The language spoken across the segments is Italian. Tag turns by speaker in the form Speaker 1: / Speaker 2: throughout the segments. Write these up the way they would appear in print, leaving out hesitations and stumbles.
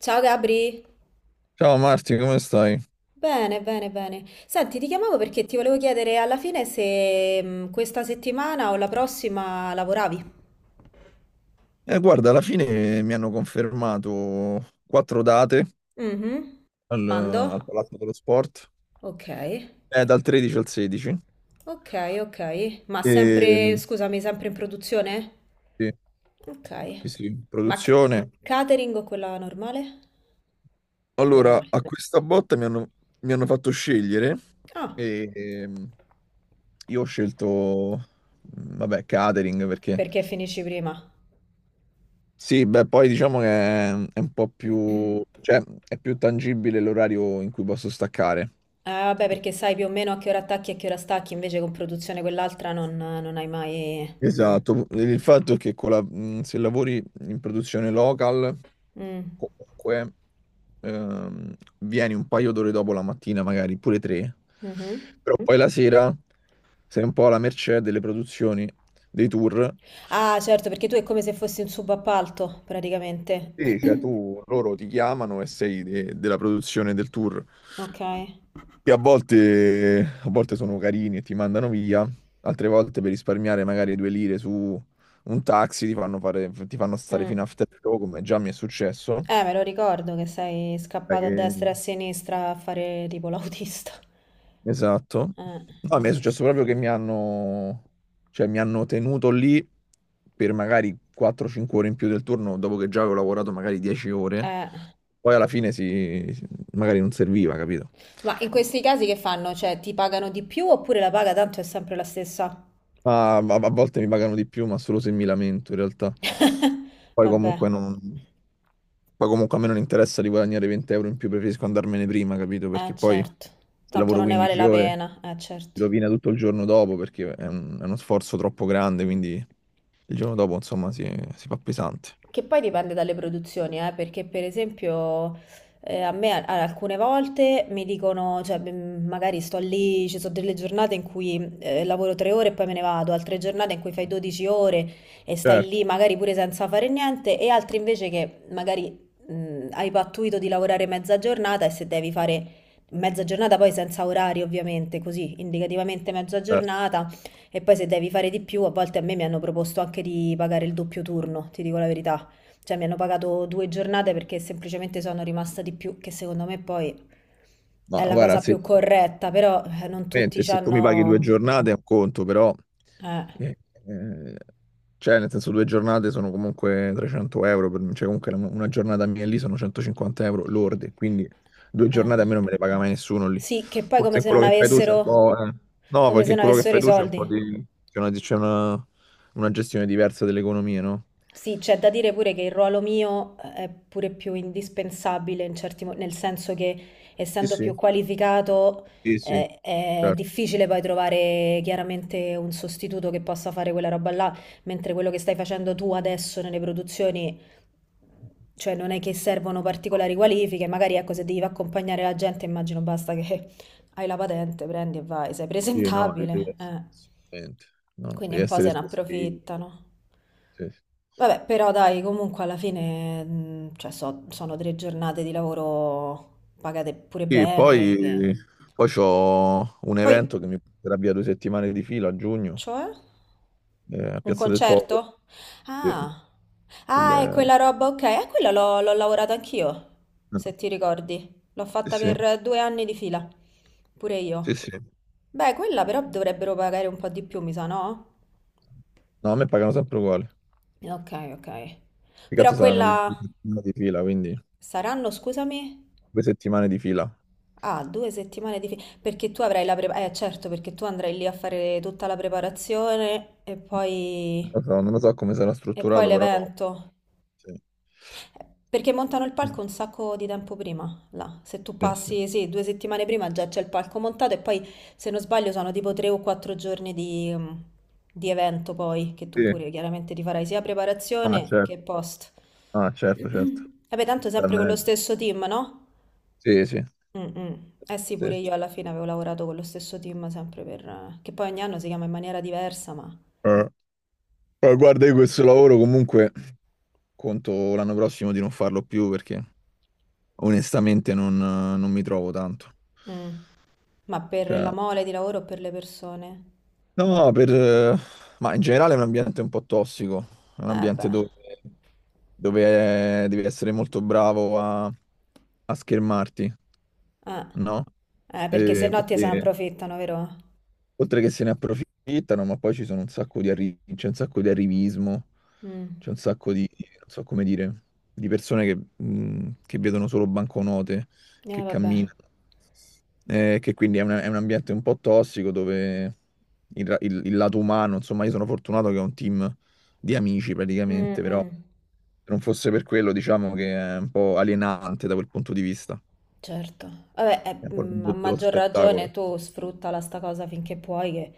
Speaker 1: Ciao Gabri,
Speaker 2: Ciao Marti, come stai?
Speaker 1: bene, bene, bene. Senti, ti chiamavo perché ti volevo chiedere alla fine se questa settimana o la prossima lavoravi.
Speaker 2: Guarda, alla fine mi hanno confermato quattro date
Speaker 1: Mhm.
Speaker 2: al,
Speaker 1: Quando?
Speaker 2: al Palazzo dello Sport,
Speaker 1: Ok,
Speaker 2: dal 13 al 16.
Speaker 1: ok, ok. Ma sempre,
Speaker 2: E,
Speaker 1: scusami, sempre in produzione?
Speaker 2: sì,
Speaker 1: Ok.
Speaker 2: sì, sì,
Speaker 1: Ma
Speaker 2: produzione.
Speaker 1: catering o quella normale?
Speaker 2: Allora,
Speaker 1: Normale.
Speaker 2: a questa botta mi hanno fatto scegliere
Speaker 1: Ah,
Speaker 2: e io ho scelto, vabbè, catering perché.
Speaker 1: perché finisci prima?
Speaker 2: Sì, beh, poi diciamo che è un po' più, cioè, è più tangibile l'orario in cui posso staccare.
Speaker 1: Ah, vabbè, perché sai più o meno a che ora attacchi e a che ora stacchi, invece con produzione quell'altra non hai mai.
Speaker 2: Esatto, il fatto è che se lavori in produzione local,
Speaker 1: Mm.
Speaker 2: comunque vieni un paio d'ore dopo la mattina, magari pure tre,
Speaker 1: Mhm.
Speaker 2: però poi la sera sei un po' alla mercé delle produzioni, dei tour.
Speaker 1: Ah, certo, perché tu è come se fossi un subappalto, praticamente.
Speaker 2: Sì, cioè tu, loro ti chiamano e sei della produzione del tour.
Speaker 1: Ok.
Speaker 2: Che a volte sono carini e ti mandano via, altre volte per risparmiare magari 2 lire su un taxi ti fanno fare, ti fanno stare
Speaker 1: Mm.
Speaker 2: fino a after show, come già mi è successo.
Speaker 1: Me lo ricordo che sei
Speaker 2: Sai
Speaker 1: scappato a destra
Speaker 2: che-
Speaker 1: e a sinistra a fare tipo l'autista.
Speaker 2: Esatto.
Speaker 1: Eh,
Speaker 2: No, mi è
Speaker 1: sì, sì.
Speaker 2: successo proprio che cioè, mi hanno tenuto lì per magari 4-5 ore in più del turno, dopo che già avevo lavorato magari 10 ore.
Speaker 1: Eh.
Speaker 2: Poi alla fine magari non serviva, capito?
Speaker 1: Ma in questi casi che fanno? Cioè, ti pagano di più oppure la paga tanto è sempre la stessa?
Speaker 2: Ah, a volte mi pagano di più, ma solo se mi lamento in realtà. Poi
Speaker 1: Vabbè.
Speaker 2: comunque non. Poi comunque a me non interessa di guadagnare 20 euro in più, preferisco andarmene prima, capito? Perché poi
Speaker 1: Certo.
Speaker 2: se
Speaker 1: Tanto
Speaker 2: lavoro
Speaker 1: non ne vale
Speaker 2: 15
Speaker 1: la
Speaker 2: ore
Speaker 1: pena.
Speaker 2: si
Speaker 1: Certo.
Speaker 2: rovina tutto il giorno dopo perché è uno sforzo troppo grande,
Speaker 1: Mm.
Speaker 2: quindi il giorno dopo insomma si fa pesante.
Speaker 1: Che poi dipende dalle produzioni, perché per esempio a me alcune volte mi dicono, cioè magari sto lì, ci sono delle giornate in cui lavoro tre ore e poi me ne vado, altre giornate in cui fai 12 ore e stai
Speaker 2: Certo,
Speaker 1: lì magari pure senza fare niente, e altre invece che magari hai pattuito di lavorare mezza giornata e se devi fare mezza giornata poi senza orari ovviamente, così indicativamente mezza
Speaker 2: certo.
Speaker 1: giornata e poi se devi fare di più, a volte a me mi hanno proposto anche di pagare il doppio turno, ti dico la verità. Cioè mi hanno pagato due giornate perché semplicemente sono rimasta di più, che secondo me poi
Speaker 2: Ma
Speaker 1: è la
Speaker 2: guarda,
Speaker 1: cosa
Speaker 2: sì.
Speaker 1: più corretta, però non tutti
Speaker 2: Mente,
Speaker 1: ci
Speaker 2: se tu mi paghi due
Speaker 1: hanno.
Speaker 2: giornate è un conto, però,
Speaker 1: Eh,
Speaker 2: eh, eh, cioè, nel senso, 2 giornate sono comunque 300 euro, cioè, comunque una giornata mia lì sono 150 euro lordi, quindi due
Speaker 1: eh.
Speaker 2: giornate a me non me le paga mai nessuno lì.
Speaker 1: Sì, che poi
Speaker 2: Forse in quello che fai tu c'è un po', no,
Speaker 1: come
Speaker 2: perché
Speaker 1: se
Speaker 2: in
Speaker 1: non
Speaker 2: quello che
Speaker 1: avessero
Speaker 2: fai
Speaker 1: i
Speaker 2: tu c'è un po'
Speaker 1: soldi.
Speaker 2: di, una gestione diversa dell'economia, no?
Speaker 1: Sì, c'è da dire pure che il ruolo mio è pure più indispensabile in certi nel senso che
Speaker 2: Sì,
Speaker 1: essendo più
Speaker 2: sì.
Speaker 1: qualificato
Speaker 2: Sì, sì,
Speaker 1: è
Speaker 2: certo.
Speaker 1: difficile poi trovare chiaramente un sostituto che possa fare quella roba là, mentre quello che stai facendo tu adesso nelle produzioni, cioè non è che servono particolari qualifiche, magari ecco se devi accompagnare la gente immagino basta che hai la patente, prendi e vai, sei
Speaker 2: Sì, no, devi
Speaker 1: presentabile,
Speaker 2: essere,
Speaker 1: eh.
Speaker 2: assolutamente. No,
Speaker 1: Quindi
Speaker 2: devi
Speaker 1: un po'
Speaker 2: essere
Speaker 1: se ne
Speaker 2: scospigli.
Speaker 1: approfittano. Vabbè, però dai, comunque alla fine, cioè, sono tre giornate di lavoro pagate pure
Speaker 2: Sì,
Speaker 1: bene.
Speaker 2: poi, poi c'ho un
Speaker 1: Poi,
Speaker 2: evento che mi porterà via 2 settimane di fila a giugno,
Speaker 1: cioè,
Speaker 2: a
Speaker 1: un
Speaker 2: Piazza del Popolo.
Speaker 1: concerto?
Speaker 2: Sì,
Speaker 1: Ah,
Speaker 2: il-
Speaker 1: ah, è
Speaker 2: eh,
Speaker 1: quella roba, ok. A quella l'ho lavorato anch'io, se ti ricordi. L'ho fatta
Speaker 2: sì,
Speaker 1: per due anni di fila, pure io.
Speaker 2: sì, sì, sì.
Speaker 1: Beh, quella però dovrebbero pagare un po' di più, mi sa, no?
Speaker 2: No, a me pagano sempre uguali.
Speaker 1: Ok, ok.
Speaker 2: Che
Speaker 1: Però
Speaker 2: cazzo saranno due
Speaker 1: quella
Speaker 2: settimane di fila, quindi
Speaker 1: saranno, scusami.
Speaker 2: 2 settimane di fila.
Speaker 1: Ah, due settimane perché tu avrai la preparazione. Certo, perché tu andrai lì a fare tutta la preparazione
Speaker 2: Non lo so, non lo so come sarà
Speaker 1: e poi
Speaker 2: strutturato, però
Speaker 1: l'evento.
Speaker 2: sì.
Speaker 1: Perché montano il palco un sacco di tempo prima, là. Se tu
Speaker 2: Sì, sì.
Speaker 1: passi, sì, due settimane prima già c'è il palco montato e poi, se non sbaglio, sono tipo tre o quattro giorni di evento poi, che tu
Speaker 2: Sì.
Speaker 1: pure chiaramente ti farai sia
Speaker 2: Ah,
Speaker 1: preparazione che
Speaker 2: certo.
Speaker 1: post.
Speaker 2: Ah, certo, certo.
Speaker 1: Vabbè, tanto
Speaker 2: Beh,
Speaker 1: sempre con lo
Speaker 2: meglio.
Speaker 1: stesso team, no?
Speaker 2: Sì, sì.
Speaker 1: Mm, mm. Eh sì, pure
Speaker 2: Stesso.
Speaker 1: io alla fine avevo lavorato con lo stesso team sempre che poi ogni anno si chiama in maniera diversa, ma.
Speaker 2: Eh, guarda, io questo lavoro comunque. Conto l'anno prossimo di non farlo più perché onestamente non mi trovo tanto.
Speaker 1: Mm. Ma per
Speaker 2: Cioè,
Speaker 1: la mole di lavoro o per le persone?
Speaker 2: no, ma in generale è un ambiente un po' tossico, è un
Speaker 1: Eh
Speaker 2: ambiente
Speaker 1: beh,
Speaker 2: dove devi essere molto bravo a schermarti,
Speaker 1: eh,
Speaker 2: no?
Speaker 1: Perché se no ti se ne
Speaker 2: Perché.
Speaker 1: approfittano, vero?
Speaker 2: Oltre che se ne approfittano, ma poi ci sono un sacco di arri- c'è un sacco di arrivismo,
Speaker 1: Mm.
Speaker 2: c'è un sacco di, non so come dire, di persone che vedono solo banconote,
Speaker 1: Eh
Speaker 2: che
Speaker 1: vabbè.
Speaker 2: camminano, che quindi è un ambiente un po' tossico dove il lato umano, insomma, io sono fortunato che ho un team di amici
Speaker 1: Mm,
Speaker 2: praticamente, però
Speaker 1: mm.
Speaker 2: se non fosse per quello, diciamo che è un po' alienante da quel punto di vista,
Speaker 1: Certo, vabbè,
Speaker 2: è un po' il
Speaker 1: a
Speaker 2: mondo dello
Speaker 1: maggior ragione
Speaker 2: spettacolo.
Speaker 1: tu sfruttala sta cosa finché puoi, che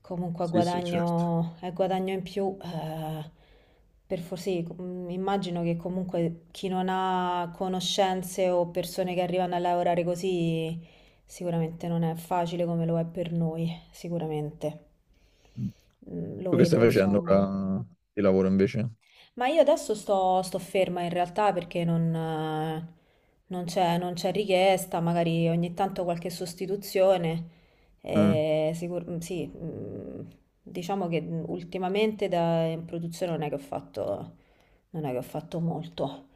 Speaker 1: comunque
Speaker 2: Sì, sì, certo.
Speaker 1: è guadagno in più. Per forse, immagino che comunque chi non ha conoscenze o persone che arrivano a lavorare così, sicuramente non è facile come lo è per noi, sicuramente. Mm, lo
Speaker 2: Tu che stai
Speaker 1: vedo,
Speaker 2: facendo
Speaker 1: insomma.
Speaker 2: ora di lavoro invece?
Speaker 1: Ma io adesso sto ferma in realtà perché non c'è richiesta, magari ogni tanto qualche sostituzione.
Speaker 2: Mm.
Speaker 1: Sì, diciamo che ultimamente in produzione non è che ho fatto, non è che ho fatto molto.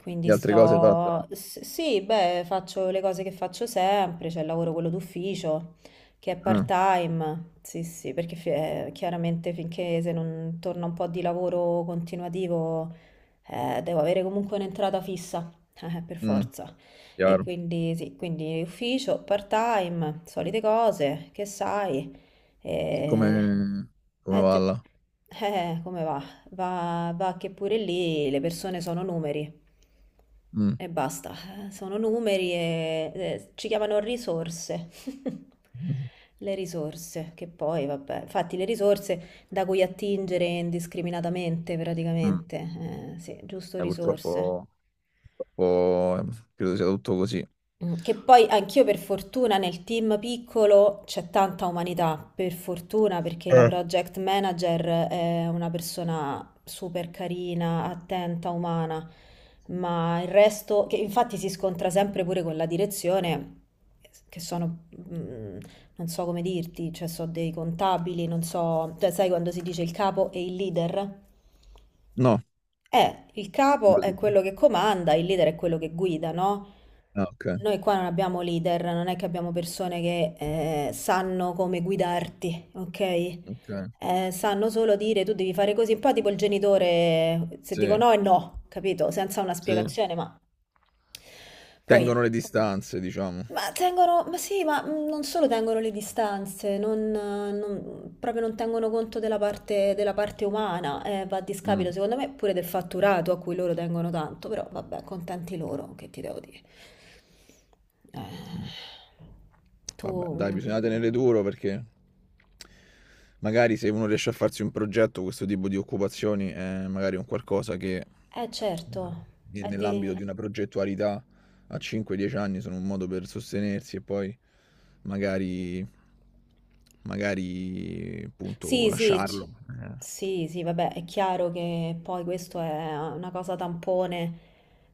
Speaker 1: Quindi
Speaker 2: Le altre cose hai fatto,
Speaker 1: sì, beh, faccio le cose che faccio sempre, c'è il lavoro quello d'ufficio, che è
Speaker 2: no?
Speaker 1: part-time. Sì, sì, perché chiaramente finché se non torna un po' di lavoro continuativo, devo avere comunque un'entrata fissa, per
Speaker 2: Mm. Mm.
Speaker 1: forza. E
Speaker 2: Chiaro.
Speaker 1: quindi sì, quindi ufficio, part-time, solite cose, che sai.
Speaker 2: Come,
Speaker 1: E...
Speaker 2: come
Speaker 1: eh,
Speaker 2: va
Speaker 1: te-
Speaker 2: là?
Speaker 1: come va? Va che pure lì le persone sono numeri
Speaker 2: Mm.
Speaker 1: e basta, sono numeri e ci chiamano risorse. Le risorse, che poi, vabbè, infatti le risorse da cui attingere indiscriminatamente
Speaker 2: Mm.
Speaker 1: praticamente, sì, giusto risorse.
Speaker 2: Purtroppo, purtroppo, credo sia tutto così.
Speaker 1: Mm, che poi anch'io per fortuna nel team piccolo c'è tanta umanità, per fortuna perché la project manager è una persona super carina, attenta, umana, ma il resto, che infatti si scontra sempre pure con la direzione, che sono, non so come dirti, cioè so dei contabili, non so, cioè sai quando si dice il capo e il leader?
Speaker 2: No.
Speaker 1: Il capo
Speaker 2: Così.
Speaker 1: è quello che comanda, il leader è quello che guida, no?
Speaker 2: Ah, ok.
Speaker 1: Noi qua non abbiamo leader, non è che abbiamo persone che sanno come guidarti, ok?
Speaker 2: Ok.
Speaker 1: Sanno solo dire tu devi fare così, un po' tipo il genitore, se dico
Speaker 2: Sì,
Speaker 1: no è no, capito? Senza una
Speaker 2: sì.
Speaker 1: spiegazione, ma poi
Speaker 2: Tengono le distanze, diciamo.
Speaker 1: ma tengono, ma sì, ma non solo tengono le distanze, proprio non tengono conto della parte umana, va a discapito
Speaker 2: Mm.
Speaker 1: secondo me pure del fatturato a cui loro tengono tanto, però vabbè, contenti loro, che ti devo dire. Eh,
Speaker 2: Mm.
Speaker 1: tu,
Speaker 2: Vabbè, dai,
Speaker 1: mm,
Speaker 2: bisogna tenere duro perché magari se uno riesce a farsi un progetto, questo tipo di occupazioni è magari un qualcosa che
Speaker 1: eh certo, è di.
Speaker 2: nell'ambito di una progettualità a 5-10 anni sono un modo per sostenersi e poi magari, magari appunto
Speaker 1: Sì, sì,
Speaker 2: lasciarlo. Eh,
Speaker 1: sì, sì, vabbè, è chiaro che poi questo è una cosa tampone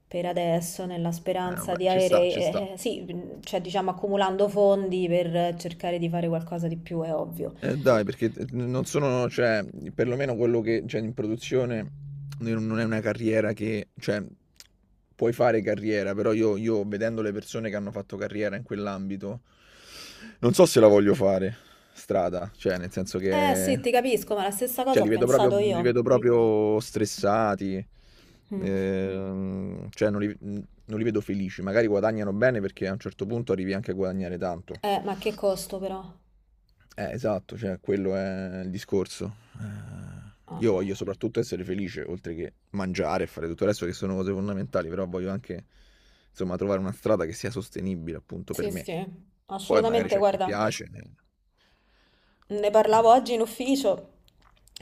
Speaker 1: per adesso, nella
Speaker 2: eh,
Speaker 1: speranza
Speaker 2: vabbè,
Speaker 1: di
Speaker 2: ci
Speaker 1: avere,
Speaker 2: sta, ci sta.
Speaker 1: sì, cioè diciamo accumulando fondi per cercare di fare qualcosa di più, è ovvio.
Speaker 2: Dai, perché t n non sono cioè, perlomeno quello che c'è in produzione n non è una carriera che cioè, puoi fare carriera, però io vedendo le persone che hanno fatto carriera in quell'ambito, non so se la voglio fare strada, cioè nel senso
Speaker 1: Eh sì,
Speaker 2: che
Speaker 1: ti capisco, ma la stessa cosa
Speaker 2: cioè li
Speaker 1: ho
Speaker 2: vedo proprio
Speaker 1: pensato
Speaker 2: li
Speaker 1: io.
Speaker 2: vedo. Sì. Proprio stressati. Mh.
Speaker 1: Mm.
Speaker 2: Cioè non li vedo felici. Magari guadagnano bene perché a un certo punto arrivi anche a guadagnare tanto.
Speaker 1: Ma che costo però?
Speaker 2: Esatto, cioè quello è il discorso. Eh, io
Speaker 1: Ah.
Speaker 2: voglio soprattutto essere felice, oltre che mangiare e fare tutto il resto che sono cose fondamentali, però voglio anche, insomma, trovare una strada che sia sostenibile appunto per
Speaker 1: Sì,
Speaker 2: me.
Speaker 1: sì,
Speaker 2: Poi magari
Speaker 1: assolutamente,
Speaker 2: c'è chi
Speaker 1: guarda.
Speaker 2: piace, eh.
Speaker 1: Ne
Speaker 2: Eh.
Speaker 1: parlavo oggi in ufficio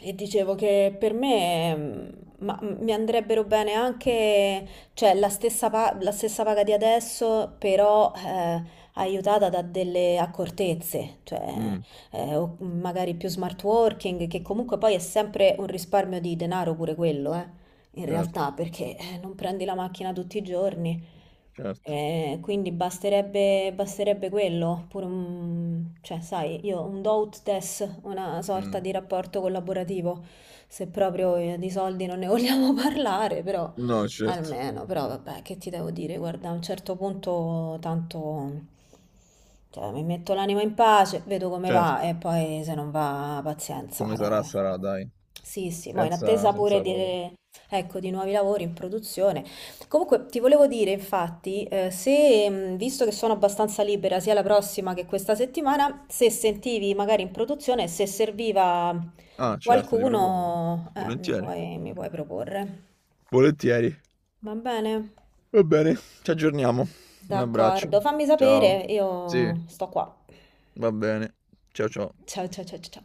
Speaker 1: e dicevo che per me mi andrebbero bene anche, cioè, la stessa paga di adesso, però aiutata da delle accortezze, cioè,
Speaker 2: Mm,
Speaker 1: o magari più smart working, che comunque poi è sempre un risparmio di denaro pure quello, in
Speaker 2: certo,
Speaker 1: realtà, perché non prendi la macchina tutti i giorni.
Speaker 2: certo.
Speaker 1: Quindi basterebbe quello, pure cioè, sai, io un do ut des, una sorta
Speaker 2: Mm.
Speaker 1: di rapporto collaborativo, se proprio di soldi non ne vogliamo parlare, però
Speaker 2: No, certo,
Speaker 1: almeno, però vabbè, che ti devo dire, guarda, a un certo punto tanto, cioè, mi metto l'anima in pace, vedo come va
Speaker 2: certo.
Speaker 1: e poi se non va, pazienza.
Speaker 2: Come sarà,
Speaker 1: Eh.
Speaker 2: sarà, dai.
Speaker 1: Sì, sì, ma in
Speaker 2: Senza,
Speaker 1: attesa pure
Speaker 2: senza
Speaker 1: di,
Speaker 2: paura.
Speaker 1: Ecco, di nuovi lavori in produzione. Comunque ti volevo dire, infatti, se, visto che sono abbastanza libera sia la prossima che questa settimana, se sentivi magari in produzione, se serviva
Speaker 2: Ah, certo, ti propongo.
Speaker 1: qualcuno,
Speaker 2: Volentieri.
Speaker 1: mi puoi proporre.
Speaker 2: Volentieri.
Speaker 1: Va bene?
Speaker 2: Va bene, ci aggiorniamo. Un abbraccio.
Speaker 1: D'accordo, fammi
Speaker 2: Ciao.
Speaker 1: sapere,
Speaker 2: Sì,
Speaker 1: io sto qua.
Speaker 2: va bene. Ciao ciao.
Speaker 1: Ciao ciao ciao ciao. Ciao.